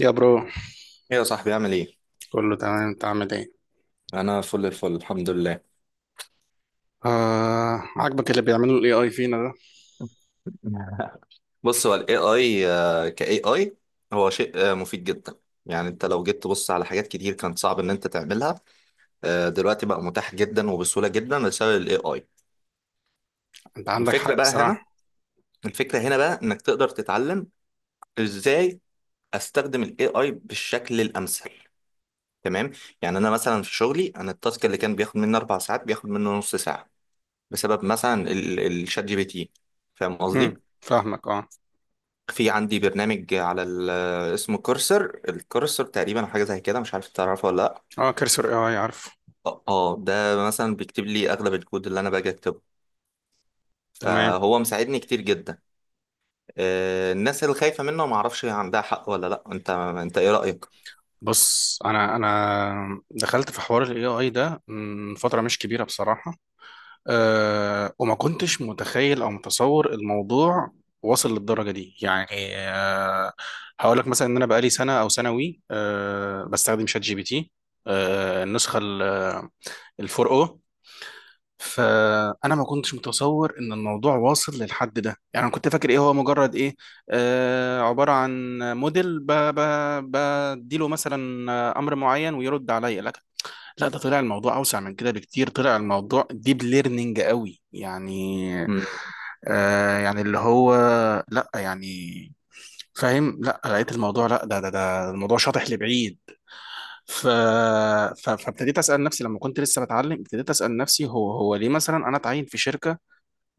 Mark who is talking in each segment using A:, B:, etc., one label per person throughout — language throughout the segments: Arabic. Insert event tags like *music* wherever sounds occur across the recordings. A: يا برو،
B: ايه يا صاحبي، عامل ايه؟
A: كله تمام؟ انت عامل ايه؟
B: انا فل الفل، الحمد لله.
A: عاجبك اللي بيعمله الاي اي فينا ده.
B: بص، هو ال AI ك AI هو شيء مفيد جدا. يعني انت لو جيت تبص على حاجات كتير كانت صعب ان انت تعملها. دلوقتي بقى متاح جدا وبسهولة جدا بسبب ال AI.
A: انت عندك
B: الفكرة
A: حق
B: بقى هنا
A: بصراحة.
B: الفكرة هنا بقى انك تقدر تتعلم ازاي استخدم ال AI بالشكل الامثل. تمام. يعني انا مثلا في شغلي، انا التاسك اللي كان بياخد مني 4 ساعات بياخد منه نص ساعة، بسبب مثلا الشات جي بي تي. فاهم قصدي؟
A: فاهمك، اه.
B: في عندي برنامج على اسمه كورسر. الكورسر تقريبا حاجة زي كده، مش عارف تعرفه ولا لأ.
A: اه، كرسور اي اي عارف.
B: ده مثلا بيكتب لي أغلب الكود اللي أنا باجي أكتبه،
A: تمام.
B: فهو مساعدني كتير جدا. الناس اللي خايفة منه، ما أعرفش هي عندها حق ولا لأ. أنت إيه رأيك؟
A: بص، انا دخلت في حوار الاي اي ده من فترة مش كبيرة بصراحة. وما كنتش متخيل او متصور الموضوع واصل للدرجة دي يعني. آه هقول لك مثلا ان انا بقالي سنة او سنة وي آه بستخدم شات جي بي تي. النسخة الفور او. فانا ما كنتش متصور ان الموضوع واصل للحد ده، يعني انا كنت فاكر ايه هو، مجرد ايه، عباره عن موديل بديله مثلا، امر معين ويرد عليا، لكن لا، ده طلع الموضوع اوسع من كده بكتير، طلع الموضوع ديب ليرنينج قوي يعني.
B: مم.
A: آه، يعني اللي هو، لا يعني فاهم، لا لقيت الموضوع، لا ده الموضوع شاطح لبعيد. ف... فابتديت اسال نفسي، لما كنت لسه بتعلم، ابتديت اسال نفسي، هو ليه مثلا انا اتعين في شركه،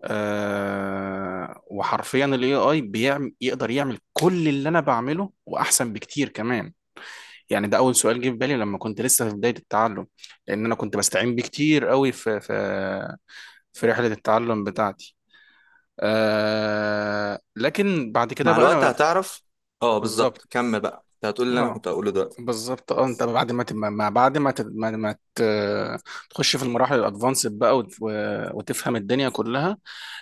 A: وحرفيا الاي اي بيعمل، يقدر يعمل كل اللي انا بعمله واحسن بكتير كمان. يعني ده اول سؤال جه في بالي لما كنت لسه في بدايه التعلم، لان انا كنت بستعين بيه كتير قوي في في رحله التعلم بتاعتي. لكن بعد كده
B: مع
A: بقى
B: الوقت
A: انا.
B: هتعرف. اه بالظبط،
A: بالظبط،
B: كمل بقى. أنت هتقول اللي أنا
A: اه.
B: كنت هقوله دلوقتي.
A: بالظبط، اه. انت بعد ما ت- ما ما- بعد ما ت- ما ما ت- تخش في المراحل الادفانسد بقى، وتفهم الدنيا كلها.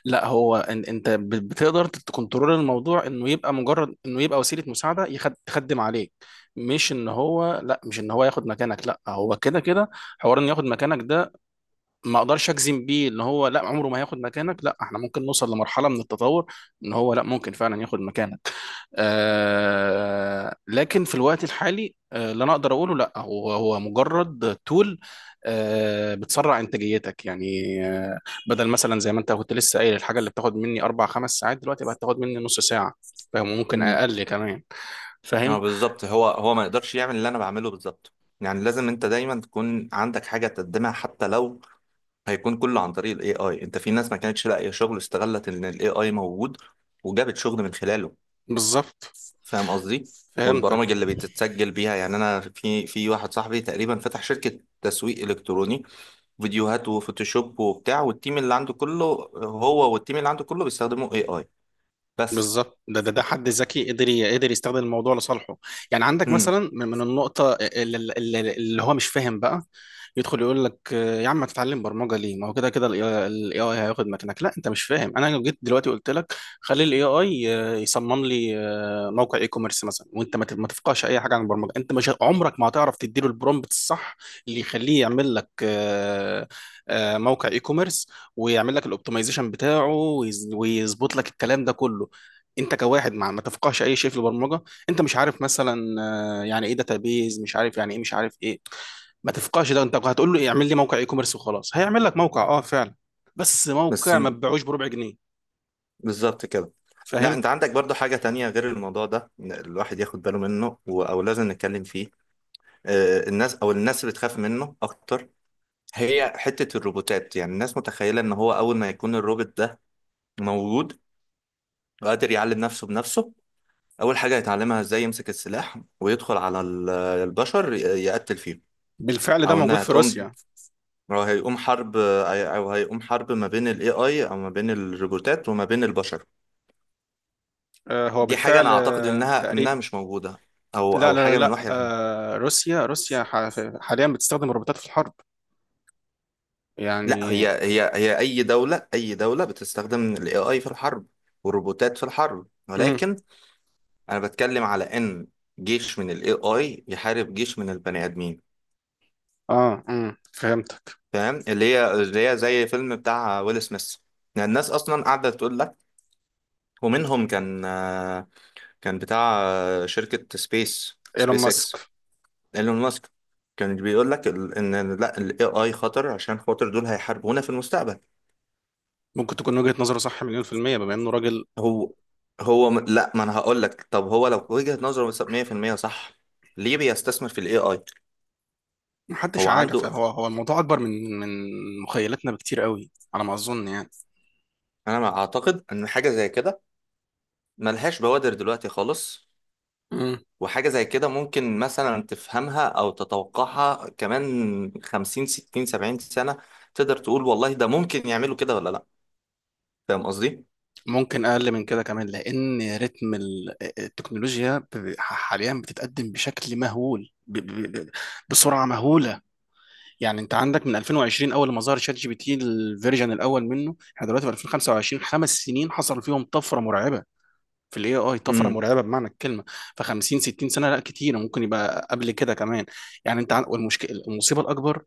A: لا، هو انت بتقدر تكنترول الموضوع، انه يبقى مجرد، انه يبقى وسيله مساعده، تخدم عليك، مش ان هو، لا، مش ان هو ياخد مكانك. لا، هو كده كده حوار انه ياخد مكانك ده، ما اقدرش اجزم بيه ان هو لا، عمره ما هياخد مكانك. لا، احنا ممكن نوصل لمرحله من التطور ان هو، لا، ممكن فعلا ياخد مكانك. لكن في الوقت الحالي، اللي انا اقدر اقوله، لا هو هو مجرد تول. بتسرع انتاجيتك يعني. آه. بدل مثلا زي ما انت كنت لسه قايل، الحاجه اللي بتاخد مني 4 5 ساعات دلوقتي بقت تاخد مني نص ساعه، فاهم، ممكن
B: مم.
A: اقل كمان.
B: اه
A: فاهم.
B: بالظبط، هو ما يقدرش يعمل اللي أنا بعمله بالظبط. يعني لازم أنت دايما تكون عندك حاجة تقدمها، حتى لو هيكون كله عن طريق الاي اي. انت في ناس ما كانتش لاقيه شغل، استغلت ان الاي اي موجود وجابت شغل من خلاله.
A: بالظبط،
B: فاهم قصدي. والبرامج
A: فهمتك.
B: اللي بتتسجل بيها، يعني انا في واحد صاحبي تقريبا فتح شركه تسويق الكتروني، فيديوهات وفوتوشوب وبتاع، والتيم اللي عنده كله، هو والتيم اللي عنده كله بيستخدموا اي اي بس.
A: بالظبط، ده حد ذكي قدر، قدر يستخدم الموضوع لصالحه. يعني عندك
B: امم.
A: مثلا من النقطة اللي هو مش فاهم بقى، يدخل يقول لك: يا عم، ما تتعلم برمجة ليه؟ ما هو كده كده الاي اي هياخد مكانك. لا، انت مش فاهم. انا لو جيت دلوقتي قلت لك خلي الاي اي يصمم لي موقع اي كوميرس مثلا، وانت ما تفقهش اي حاجة عن البرمجة، انت مش ه- عمرك ما هتعرف تديله البرومبت الصح اللي يخليه يعمل لك موقع اي كوميرس، ويعمل لك الاوبتمايزيشن بتاعه، ويظبط لك الكلام ده كله، انت كواحد ما تفقهش اي شيء في البرمجه. انت مش عارف مثلا يعني ايه داتابيز، مش عارف يعني ايه، مش عارف ايه، ما تفقهش ده. انت هتقول له اعمل لي موقع اي كوميرس وخلاص، هيعمل لك موقع، اه فعلا، بس
B: بس
A: موقع ما
B: م-
A: تبيعوش بربع جنيه.
B: بالظبط كده. لا،
A: فاهم.
B: انت عندك برضو حاجه تانية غير الموضوع ده، إن الواحد ياخد باله منه او لازم نتكلم فيه. الناس بتخاف منه اكتر، هي حتة الروبوتات. يعني الناس متخيلة ان هو اول ما يكون الروبوت ده موجود وقادر يعلم نفسه بنفسه، اول حاجة هيتعلمها ازاي يمسك السلاح ويدخل على البشر يقتل فيهم.
A: بالفعل ده
B: او
A: موجود
B: انها
A: في
B: هتقوم
A: روسيا.
B: او هيقوم حرب او هيقوم حرب ما بين الاي اي، او ما بين الروبوتات وما بين البشر.
A: هو
B: دي حاجة
A: بالفعل
B: انا اعتقد انها
A: تقريبا.
B: انها مش موجودة، او
A: لا
B: او
A: لا لا
B: حاجة من
A: لا.
B: وحي العلم.
A: روسيا روسيا حاليا بتستخدم الروبوتات في الحرب،
B: لا، هي
A: يعني.
B: هي هي اي دولة بتستخدم الاي اي في الحرب والروبوتات في الحرب،
A: امم.
B: ولكن انا بتكلم على ان جيش من الاي اي يحارب جيش من البني ادمين.
A: اه، فهمتك.
B: فاهم، اللي هي زي فيلم بتاع ويل سميث. يعني الناس اصلا قاعده تقول لك، ومنهم كان كان بتاع شركه سبيس
A: ايلون
B: سبيس اكس
A: ماسك،
B: ايلون ماسك. كان بيقول لك ان لا، الاي اي خطر عشان خاطر دول هيحاربونا في المستقبل.
A: ممكن تكون وجهة نظره صح مليون% بما انه راجل.
B: هو هو م- لا ما انا هقول لك، طب هو لو وجهه نظره 100% صح، ليه بيستثمر في الاي اي؟
A: محدش
B: هو
A: عارف،
B: عنده.
A: هو الموضوع اكبر من مخيلتنا بكتير قوي على ما اظن يعني.
B: انا ما اعتقد ان حاجه زي كده، ملهاش بوادر دلوقتي خالص.
A: مم.
B: وحاجة زي كده ممكن مثلا تفهمها أو تتوقعها كمان 50 60 70 سنة، تقدر تقول والله ده ممكن يعملوا كده ولا لأ. فاهم قصدي؟
A: ممكن اقل من كده كمان، لان رتم التكنولوجيا حاليا بتتقدم بشكل مهول، بسرعه مهوله. يعني انت عندك من 2020، اول ما ظهر شات جي بي تي الفيرجن الاول منه، احنا دلوقتي في 2025، 5 سنين حصل فيهم طفره مرعبه في الاي اي، طفره
B: مم.
A: مرعبه بمعنى الكلمه. ف 50 60 سنه لا كتير، ممكن يبقى قبل كده كمان. يعني انت والمشكله، المصيبه الاكبر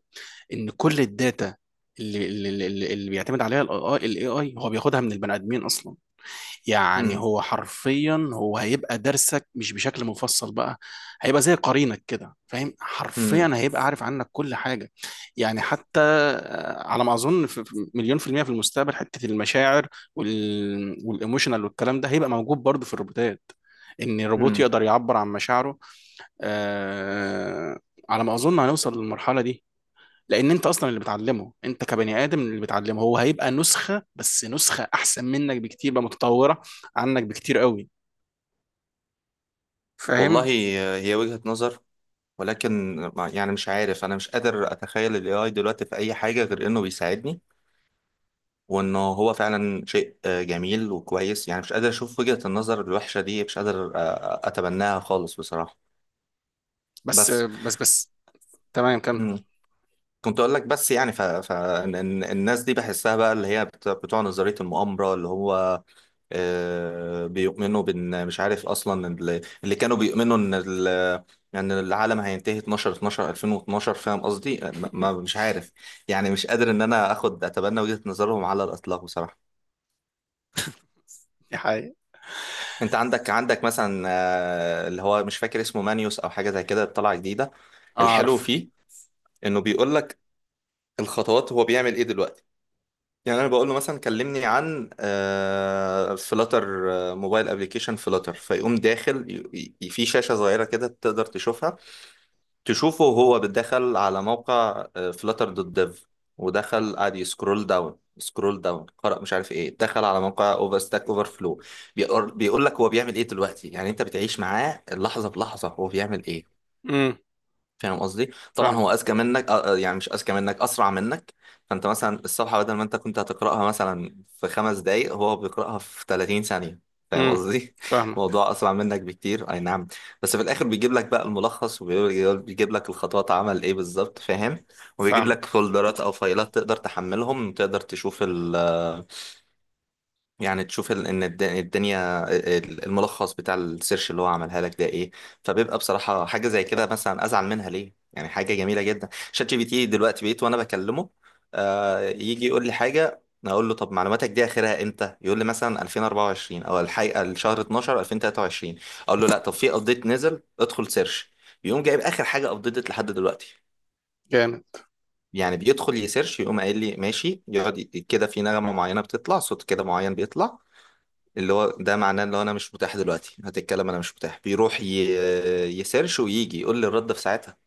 A: ان كل الداتا اللي بيعتمد عليها الاي اي هو بياخدها من البني ادمين اصلا. يعني
B: مم.
A: هو حرفيا، هو هيبقى درسك مش بشكل مفصل بقى، هيبقى زي قرينك كده، فاهم،
B: مم.
A: حرفيا هيبقى عارف عنك كل حاجه. يعني حتى على ما اظن في مليون% في المستقبل حته المشاعر، وال، والايموشنال والكلام ده هيبقى موجود برضه في الروبوتات، ان الروبوت
B: مم.
A: يقدر يعبر عن مشاعره. آه، على ما اظن هنوصل للمرحله دي، لان انت اصلا اللي بتعلمه، انت كبني ادم اللي بتعلمه، هو هيبقى نسخه، بس نسخه احسن منك بكتير بقى، متطوره عنك بكتير قوي،
B: والله،
A: فاهم.
B: هي وجهة نظر، ولكن يعني مش عارف، أنا مش قادر أتخيل ال AI دلوقتي في أي حاجة غير إنه بيساعدني، وإنه هو فعلا شيء جميل وكويس. يعني مش قادر أشوف وجهة النظر الوحشة دي، مش قادر أتبناها خالص بصراحة.
A: بس
B: بس
A: بس بس، تمام كمل.
B: كنت اقول لك بس، يعني الناس دي بحسها بقى، اللي هي بتوع نظرية المؤامرة، اللي هو بيؤمنوا بان، مش عارف اصلا، اللي كانوا بيؤمنوا ان العالم هينتهي 12 12 2012. فاهم قصدي؟ ما... ما
A: *laughs*
B: مش عارف، يعني مش قادر ان انا اخد اتبنى وجهة نظرهم على الاطلاق بصراحة.
A: دي حقيقة.
B: انت عندك مثلا اللي هو مش فاكر اسمه، مانيوس او حاجة زي كده، طلع جديدة. الحلو
A: اعرف.
B: فيه انه بيقول لك الخطوات، هو بيعمل ايه دلوقتي. يعني انا بقول له مثلا، كلمني عن آه فلاتر، آه موبايل ابلكيشن فلاتر، فيقوم داخل في شاشه صغيره كده تقدر تشوفها، تشوفه وهو بتدخل على موقع فلاتر دوت ديف، ودخل قعد يسكرول داون سكرول داون، قرأ مش عارف ايه، دخل على موقع اوفر فلو، بيقول لك هو بيعمل ايه دلوقتي. يعني انت بتعيش معاه لحظه بلحظه، هو بيعمل ايه.
A: امم
B: فاهم قصدي. طبعا
A: فاهمك.
B: هو اذكى منك، يعني مش اذكى منك، اسرع منك. فانت مثلا الصفحه، بدل ما انت كنت هتقراها مثلا في 5 دقايق، هو بيقراها في 30 ثانيه. فاهم
A: امم
B: قصدي؟ *laughs*
A: فاهمك.
B: الموضوع اسرع منك بكتير، اي نعم. بس في الاخر بيجيب لك بقى الملخص، وبيجيب لك الخطوات، عمل ايه بالظبط. فاهم. وبيجيب لك
A: فاهمك.
B: فولدرات او فايلات تقدر تحملهم وتقدر تشوف، يعني تشوف الدنيا، الملخص بتاع السيرش اللي هو عملها لك ده ايه. فبيبقى بصراحة حاجة زي كده مثلا، ازعل منها ليه؟ يعني حاجة جميلة جدا. شات جي بي تي دلوقتي بقيت وانا بكلمه يجي يقول لي حاجة، اقول له طب معلوماتك دي اخرها امتى، يقول لي مثلا 2024 او الحقيقة الشهر 12 2023. اقول له لا، طب في ابديت نزل، ادخل سيرش. يقوم جايب اخر حاجة ابديتت لحد دلوقتي.
A: جامد.
B: يعني بيدخل يسيرش، يقوم قايل لي ماشي، يقعد كده، في نغمة معينة بتطلع، صوت كده معين بيطلع، اللي هو ده معناه اللي هو، انا مش متاح دلوقتي، هتتكلم انا مش متاح، بيروح يسيرش ويجي يقول لي الرد في ساعتها.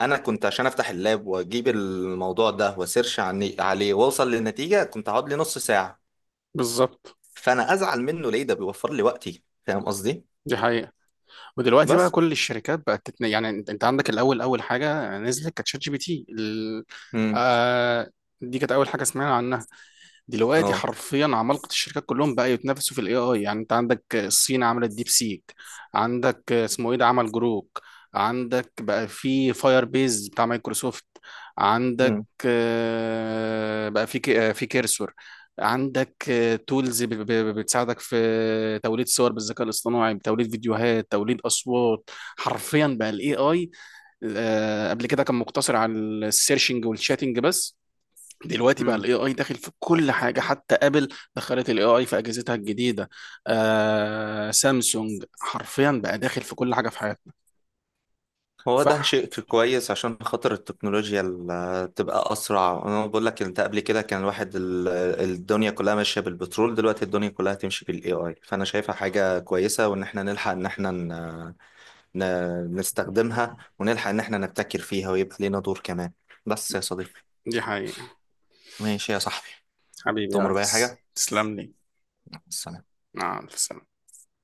B: انا كنت عشان افتح اللاب واجيب الموضوع ده واسيرش عليه واوصل للنتيجه كنت هقعد لي نص ساعه.
A: بالظبط.
B: فانا ازعل منه ليه؟ ده بيوفر لي وقتي. فاهم قصدي.
A: دي حقيقة. ودلوقتي بقى
B: بس.
A: كل الشركات بقت يعني، انت عندك الاول، اول حاجة نزلت كانت شات جي بي تي
B: امم.
A: آه... دي كانت اول حاجة سمعنا عنها. دلوقتي
B: اه.
A: حرفيا عمالقة الشركات كلهم بقى يتنافسوا في الاي اي. يعني انت عندك الصين عملت ديب سيك، عندك اسمه ايه ده، عمل جروك. عندك بقى في فاير بيز بتاع مايكروسوفت. عندك بقى في في كيرسور. عندك تولز بتساعدك في توليد صور بالذكاء الاصطناعي، بتوليد فيديوهات، توليد اصوات. حرفيا بقى الاي اي، قبل كده كان مقتصر على السيرشنج والشاتنج بس، دلوقتي بقى
B: امم.
A: الاي اي داخل في كل حاجه، حتى ابل دخلت الاي اي في اجهزتها الجديده. سامسونج، حرفيا بقى داخل في كل حاجه في حياتنا.
B: هو
A: صح.
B: ده شيء كويس عشان خاطر التكنولوجيا تبقى أسرع. أنا بقول لك، أنت قبل كده كان الواحد الدنيا كلها ماشية بالبترول، دلوقتي الدنيا كلها تمشي بالاي اي. فأنا شايفها حاجة كويسة، وإن إحنا نلحق إن إحنا نستخدمها، ونلحق إن إحنا نبتكر فيها ويبقى لينا دور كمان. بس يا صديقي.
A: دي حقيقه.
B: ماشي يا صحبي.
A: حبيبي يا
B: تؤمر بأي
A: ريس،
B: حاجة.
A: تسلم لي.
B: السلام.
A: مع الف سلامه.